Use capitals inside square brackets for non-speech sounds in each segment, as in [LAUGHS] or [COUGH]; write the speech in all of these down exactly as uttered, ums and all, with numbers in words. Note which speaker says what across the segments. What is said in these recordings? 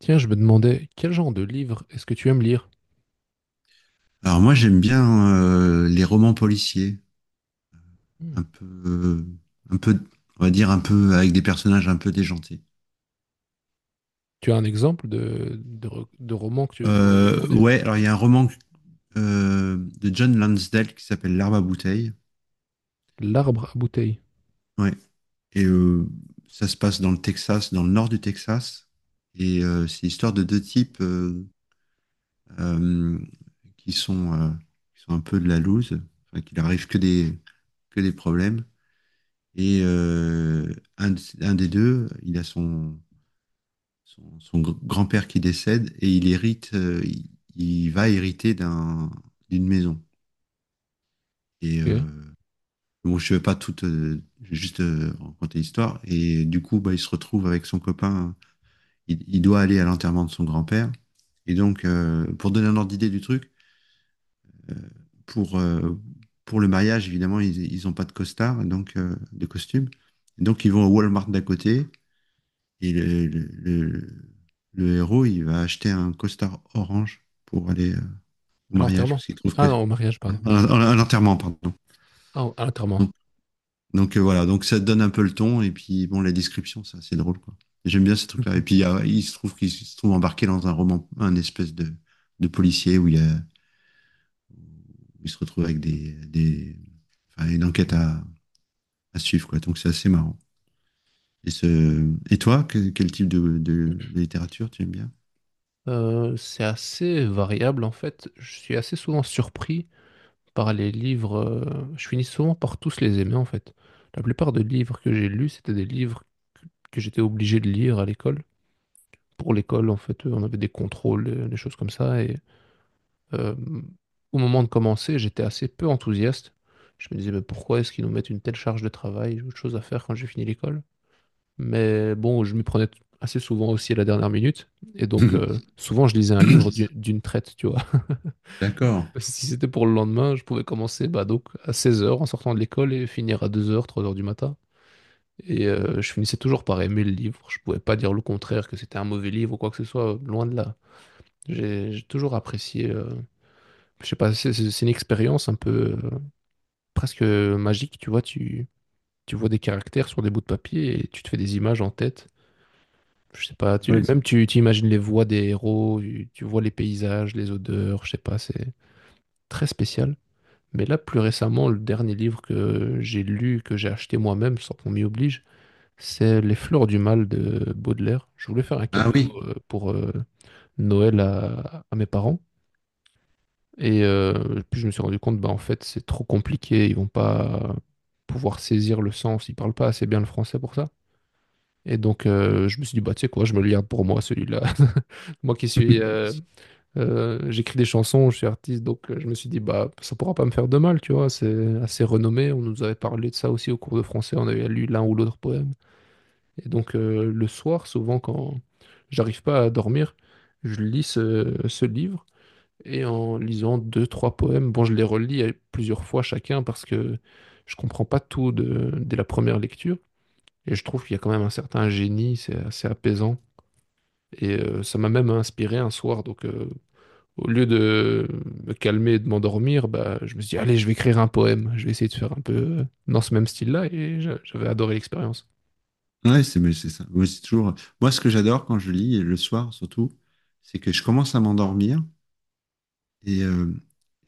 Speaker 1: Tiens, je me demandais, quel genre de livre est-ce que tu aimes lire?
Speaker 2: Alors moi j'aime bien euh, les romans policiers,
Speaker 1: Hmm.
Speaker 2: un peu, euh, un peu, on va dire un peu avec des personnages un peu déjantés.
Speaker 1: Tu as un exemple de, de, re- de roman que tu pourrais me
Speaker 2: Euh,
Speaker 1: recommander?
Speaker 2: ouais, alors il y a un roman euh, de John Lansdale qui s'appelle L'Arbre à bouteille.
Speaker 1: L'arbre à bouteilles.
Speaker 2: Ouais, et euh, ça se passe dans le Texas, dans le nord du Texas, et euh, c'est l'histoire de deux types euh, euh, qui sont, euh, qui sont un peu de la loose, enfin, qu'il arrive que des que des problèmes. Et euh, un, de- un des deux, il a son son, son gr- grand-père qui décède et il hérite, euh, il, il va hériter d'un, d'une maison. Et
Speaker 1: Ok.
Speaker 2: euh, bon, je ne vais pas tout, euh, je vais juste euh, raconter l'histoire. Et du coup, bah, il se retrouve avec son copain. Il, il doit aller à l'enterrement de son grand-père. Et donc, euh, pour donner un ordre d'idée du truc, euh, pour, euh, pour le mariage, évidemment, ils, ils ont pas de costard, donc euh, de costume. Donc, ils vont au Walmart d'à côté. Et le, le- le- le héros, il va acheter un costard orange pour aller euh, au
Speaker 1: À
Speaker 2: mariage,
Speaker 1: l'enterrement.
Speaker 2: parce qu'il trouve que...
Speaker 1: Ah non, au mariage, pardon.
Speaker 2: À, à- à l'enterrement, pardon.
Speaker 1: Ah, au- à l'enterrement.
Speaker 2: Donc, donc, euh, voilà, donc ça donne un peu le ton, et puis bon, la description, c'est assez drôle, quoi. J'aime bien ces trucs-là. Et puis il, y
Speaker 1: [LAUGHS]
Speaker 2: a- il se trouve qu'il se trouve embarqué dans un roman, un espèce de, de policier où il, y a- où il se retrouve avec des, des, enfin, une enquête à, à suivre, quoi. Donc c'est assez marrant. Et, ce... et toi, que- quel type de, de- de littérature tu aimes bien?
Speaker 1: Euh, c'est assez variable en fait. Je suis assez souvent surpris par les livres. Euh, je finis souvent par tous les aimer en fait. La plupart des livres que j'ai lus, c'était des livres que, que j'étais obligé de lire à l'école. Pour l'école, en fait, euh, on avait des contrôles, euh, des choses comme ça. Et euh, au moment de commencer, j'étais assez peu enthousiaste. Je me disais, mais pourquoi est-ce qu'ils nous mettent une telle charge de travail? J'ai autre chose à faire quand j'ai fini l'école. Mais bon, je m'y prenais t- assez souvent aussi à la dernière minute. Et donc, euh,
Speaker 2: [LAUGHS]
Speaker 1: souvent, je lisais un livre d'une d'une traite, tu vois.
Speaker 2: D'accord.
Speaker 1: Si c'était pour le lendemain, je pouvais commencer bah, donc à seize heures en sortant de l'école et finir à deux heures, trois heures du matin. Et euh, je finissais toujours par aimer le livre. Je pouvais pas dire le contraire, que c'était un mauvais livre ou quoi que ce soit, euh, loin de là. J'ai j'ai toujours apprécié. Euh, je sais pas, c'est c'est- c'est une expérience un peu euh, presque magique, tu vois. Tu, tu vois des caractères sur des bouts de papier et tu te fais des images en tête. Je sais pas,
Speaker 2: Ah
Speaker 1: tu,
Speaker 2: oui.
Speaker 1: même tu, tu imagines les voix des héros, tu, tu vois les paysages, les odeurs, je sais pas, c'est très spécial. Mais là, plus récemment, le dernier livre que j'ai lu, que j'ai acheté moi-même, sans qu'on m'y oblige, c'est Les Fleurs du Mal de Baudelaire. Je voulais faire un
Speaker 2: Ah
Speaker 1: cadeau
Speaker 2: oui.
Speaker 1: euh, pour euh, Noël à, à mes parents. Et euh, puis je me suis rendu compte, bah, en fait, c'est trop compliqué. Ils vont pas pouvoir saisir le sens. Ils parlent pas assez bien le français pour ça. Et donc, euh, je me suis dit, bah, tu sais quoi, je me le garde pour moi, celui-là. [LAUGHS] Moi qui suis euh, euh, J'écris des chansons, je suis artiste, donc euh, je me suis dit, bah, ça pourra pas me faire de mal, tu vois, c'est assez renommé. On nous avait parlé de ça aussi au cours de français, on avait lu l'un ou l'autre poème. Et donc, euh, le soir, souvent, quand j'arrive pas à dormir, je lis ce, ce livre et en lisant deux, trois poèmes, bon, je les relis euh, plusieurs fois chacun parce que je comprends pas tout de- dès la première lecture. Et je trouve qu'il y a quand même un certain génie, c'est assez apaisant. Et euh, ça m'a même inspiré un soir, donc euh, au lieu de me calmer et de m'endormir, bah, je me suis dit, allez, je vais écrire un poème. Je vais essayer de faire un peu euh, dans ce même style-là et j'a- j'avais adoré l'expérience.
Speaker 2: Ouais, c'est mais c'est ça. Moi, c'est toujours... Moi, ce que j'adore quand je lis, et le soir surtout, c'est que je commence à m'endormir et euh,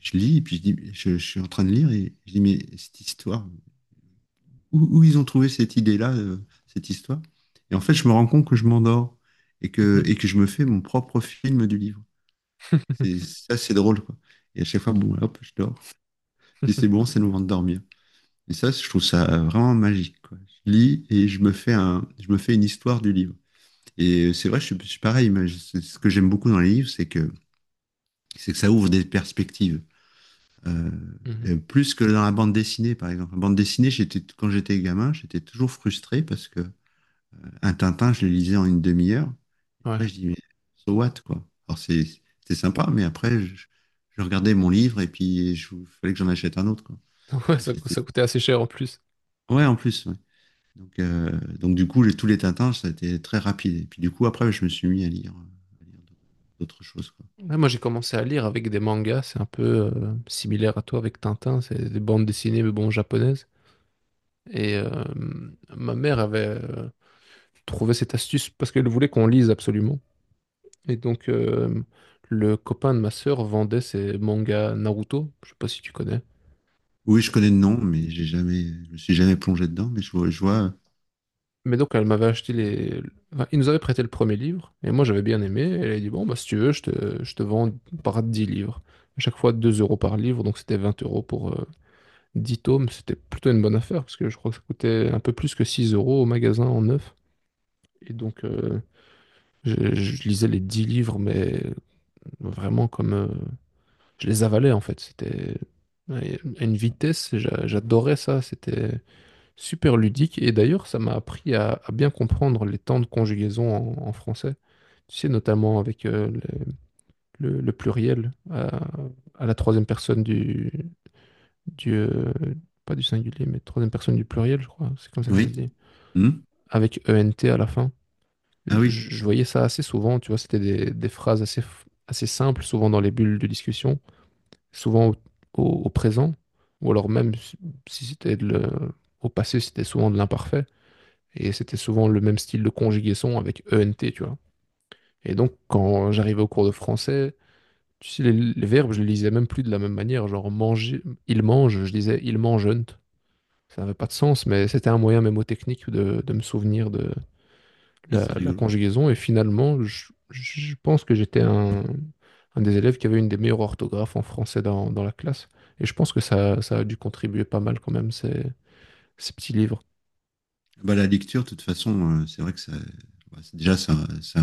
Speaker 2: je lis, et puis je dis, je, je suis en train de lire et je dis, mais cette histoire, où, où ils ont trouvé cette idée-là, euh, cette histoire? Et en fait, je me rends compte que je m'endors et que, et que je me fais mon propre film du livre. C'est
Speaker 1: [LAUGHS]
Speaker 2: ça, c'est drôle, quoi. Et à chaque fois, bon, hop, je dors. Je dis, c'est bon, c'est le moment de dormir. Et ça, je trouve ça vraiment magique, quoi. Je lis et je me fais un, je me fais une histoire du livre. Et c'est vrai, je suis je suis pareil. Mais je- c'est Ce que j'aime beaucoup dans les livres, c'est que, c'est que ça ouvre des perspectives. Euh,
Speaker 1: Mhm.
Speaker 2: euh, plus que dans la bande dessinée, par exemple. La bande dessinée, j'étais, quand j'étais gamin, j'étais toujours frustré parce que un Tintin, je le lisais en une demi-heure.
Speaker 1: Ouais.
Speaker 2: Après, je dis, mais so what, quoi. Alors, c'est, c'était sympa, mais après, je, je regardais mon livre et puis je, fallait que j'en achète un autre, quoi.
Speaker 1: [LAUGHS] Ouais,
Speaker 2: Donc,
Speaker 1: ça, cou-
Speaker 2: c'était-
Speaker 1: ça coûtait assez cher en plus.
Speaker 2: ouais, en plus, ouais. Donc, euh, donc, du coup, les- tous les Tintins, ça a été très rapide. Et puis, du coup, après, je me suis mis à lire, à lire d'autres choses, quoi.
Speaker 1: Ouais, moi, j'ai commencé à lire avec des mangas, c'est un peu euh, similaire à toi avec Tintin, c'est des bandes dessinées, mais bon, japonaises. Et euh, ma mère avait euh, trouvé cette astuce parce qu'elle voulait qu'on lise absolument. Et donc, euh, le copain de ma sœur vendait ses mangas Naruto, je sais pas si tu connais.
Speaker 2: Oui, je connais le nom, mais j'ai jamais, je me suis jamais plongé dedans, mais je vois, je vois,
Speaker 1: Mais donc, elle m'avait acheté les. Enfin, il nous avait prêté le premier livre, et moi j'avais bien aimé. Et elle a dit, bon, bah, si tu veux, je te, je te vends par dix livres. À chaque fois deux euros par livre, donc c'était vingt euros pour euh, dix tomes. C'était plutôt une bonne affaire, parce que je crois que ça coûtait un peu plus que six euros au magasin en neuf. Et donc, euh, je, je lisais les dix livres, mais vraiment comme, euh, je les avalais en fait. C'était, ouais, à une vitesse, j'a- j'adorais ça. C'était super ludique. Et d'ailleurs, ça m'a appris à, à bien comprendre les temps de conjugaison en, en français. Tu sais, notamment avec euh, le, le- le pluriel euh, à, la troisième personne du, du euh, pas du singulier, mais troisième personne du pluriel, je crois. C'est comme ça que ça
Speaker 2: oui.
Speaker 1: se dit.
Speaker 2: Hmm.
Speaker 1: Avec e n t à la fin. Je,
Speaker 2: Ah oui.
Speaker 1: je voyais ça assez souvent. Tu vois, c'était des, des phrases assez, f- assez simples, souvent dans les bulles de discussion, souvent au, au- au présent, ou alors même si si c'était de le- au passé, c'était souvent de l'imparfait. Et c'était souvent le même style de conjugaison avec E N T, tu vois. Et donc, quand j'arrivais au cours de français, tu sais, les, les verbes, je les lisais même plus de la même manière. Genre, manger, il mange, je disais il mangeant. Ça n'avait pas de sens, mais c'était un moyen mémotechnique de, de me souvenir de
Speaker 2: Ah,
Speaker 1: la,
Speaker 2: c'est
Speaker 1: la
Speaker 2: rigolo.
Speaker 1: conjugaison. Et finalement, je, je pense que j'étais un, un des élèves qui avait une des meilleures orthographes en français dans, dans la classe. Et je pense que ça, ça a dû contribuer pas mal quand même, ces, ces petits livres.
Speaker 2: Bah, la lecture, de toute façon, euh, c'est vrai que ça, bah, c'est- déjà, ça, ça,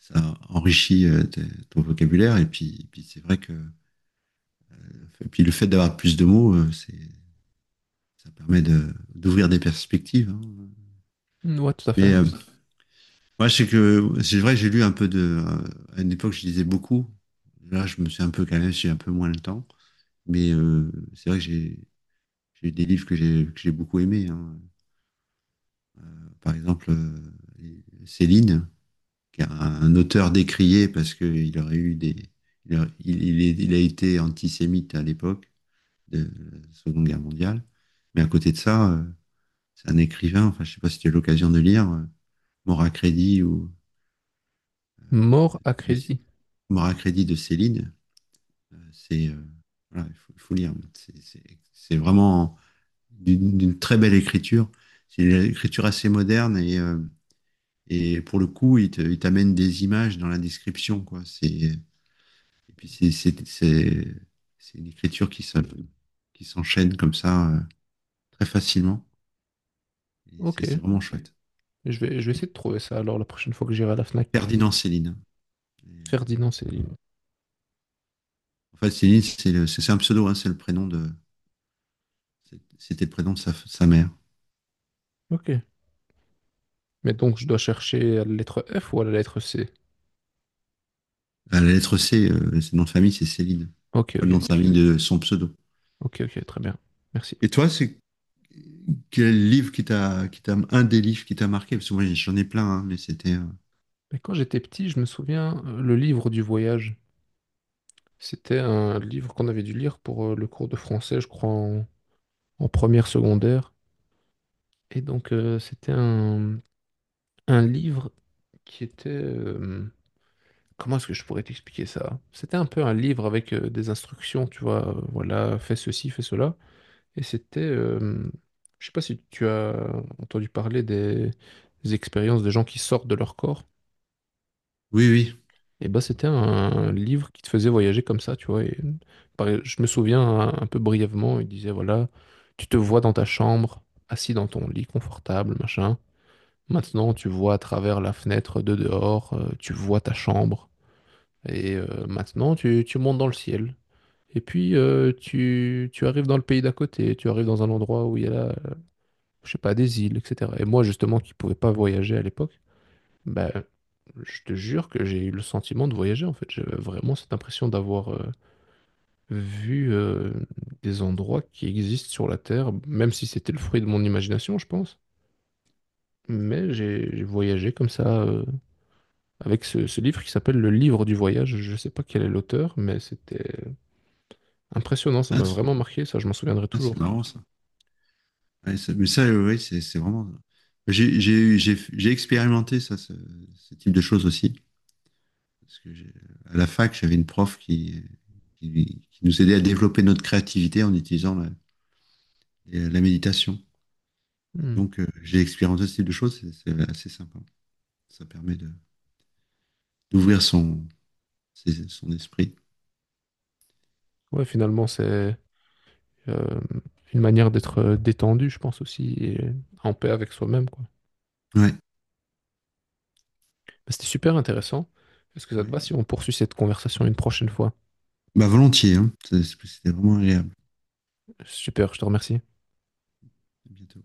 Speaker 2: ça enrichit euh, tes- ton vocabulaire, et puis, et puis c'est vrai que, et puis le fait d'avoir plus de mots, euh, c'est, ça permet de, d'ouvrir des perspectives, hein.
Speaker 1: Ouais, tout à
Speaker 2: Mais,
Speaker 1: fait.
Speaker 2: euh, moi, je sais que, c'est vrai, que j'ai lu un peu de, euh, à une époque, je lisais beaucoup. Là, je me suis un peu calmé, j'ai un peu moins le temps. Mais euh, c'est vrai que j'ai j'ai eu des livres que j'ai que j'ai beaucoup aimés, hein. Par exemple, euh, Céline, qui est un auteur décrié parce qu'il aurait eu des, il a, il- il est- il a été antisémite à l'époque de la Seconde Guerre mondiale. Mais à côté de ça, euh, c'est un écrivain. Enfin, je sais pas si tu as eu l'occasion de lire euh, Mort à crédit ou
Speaker 1: Mort à
Speaker 2: de,
Speaker 1: crédit.
Speaker 2: Mort à crédit de Céline. Euh, C'est euh, voilà, il faut, il faut lire. C'est c'est- c'est vraiment d'une d'une très belle écriture. C'est une écriture assez moderne et euh, et pour le coup, il te- il t'amène des images dans la description, quoi. C'est, et puis c'est, c'est, c'est, c'est une écriture qui se- qui s'enchaîne comme ça, euh, très facilement. Et
Speaker 1: Ok.
Speaker 2: c'est c'est vraiment chouette.
Speaker 1: Je vais, je vais essayer de trouver ça alors la prochaine fois que j'irai à la Fnac.
Speaker 2: Ferdinand Céline, hein. Et, euh,
Speaker 1: Ferdinand, c'est...
Speaker 2: en fait, Céline, c'est le- c'est c'est un pseudo, hein, c'est le prénom de, c'est- c'était le prénom de sa, sa mère.
Speaker 1: Ok. Mais donc, je dois chercher à la lettre F ou à la lettre C?
Speaker 2: À la lettre C, euh, c'est nom de famille, c'est Céline.
Speaker 1: Ok,
Speaker 2: Enfin, le
Speaker 1: ok,
Speaker 2: nom de
Speaker 1: ok.
Speaker 2: famille de son pseudo.
Speaker 1: Ok, ok, très bien. Merci.
Speaker 2: Et toi, c'est quel livre qui t'a, qui t'a, un des livres qui t'a marqué? Parce que moi, j'en ai plein, hein, mais c'était, euh,
Speaker 1: Mais quand j'étais petit, je me souviens, euh, le livre du voyage, c'était un livre qu'on avait dû lire pour euh, le cours de français, je crois, en, en première secondaire. Et donc, euh, c'était un, un livre qui était, euh, comment est-ce que je pourrais t'expliquer ça? C'était un peu un livre avec euh, des instructions, tu vois, euh, voilà, fais ceci, fais cela. Et c'était, euh, je sais pas si tu as entendu parler des, des expériences de gens qui sortent de leur corps.
Speaker 2: oui, oui.
Speaker 1: Et bah c'était un livre qui te faisait voyager comme ça, tu vois. Et pareil, je me souviens un, un peu brièvement, il disait voilà, tu te vois dans ta chambre, assis dans ton lit confortable, machin. Maintenant, tu vois à travers la fenêtre de dehors, euh, tu vois ta chambre. Et euh, maintenant, tu, tu montes dans le ciel. Et puis, euh, tu, tu arrives dans le pays d'à côté, tu arrives dans un endroit où il y a la, je sais pas, des îles, et cetera. Et moi, justement, qui pouvais pas voyager à l'époque, ben, je te jure que j'ai eu le sentiment de voyager, en fait. J'avais vraiment cette impression d'avoir euh, vu euh, des endroits qui existent sur la Terre, même si c'était le fruit de mon imagination, je pense. Mais j'ai j'ai voyagé comme ça, euh, avec ce, ce livre qui s'appelle Le Livre du Voyage. Je sais pas quel est l'auteur, mais c'était impressionnant. Ça
Speaker 2: Ah,
Speaker 1: m'a
Speaker 2: c'est
Speaker 1: vraiment marqué, ça, je m'en souviendrai
Speaker 2: ah, c'est
Speaker 1: toujours.
Speaker 2: marrant ça. Ouais, ça- Mais ça, oui, c'est c'est vraiment. J'ai j'ai j'ai- j'ai expérimenté ça, ce, ce type de choses aussi. Parce que j'ai- à la fac, j'avais une prof qui, qui, qui nous aidait à développer notre créativité en utilisant la, et la méditation. Et
Speaker 1: Hmm.
Speaker 2: donc, euh, j'ai expérimenté ce type de choses, c'est c'est assez sympa. Ça permet de d'ouvrir son, ses- son esprit.
Speaker 1: Ouais, finalement, c'est... Euh, une manière d'être euh, détendu, je pense aussi, et en paix avec soi-même, quoi.
Speaker 2: Ouais,
Speaker 1: Bah, c'était super intéressant. Est-ce que ça te va si
Speaker 2: ouais.
Speaker 1: on poursuit cette conversation une prochaine fois?
Speaker 2: Bah, volontiers, hein. C'est- C'était vraiment agréable.
Speaker 1: Super, je te remercie.
Speaker 2: À bientôt.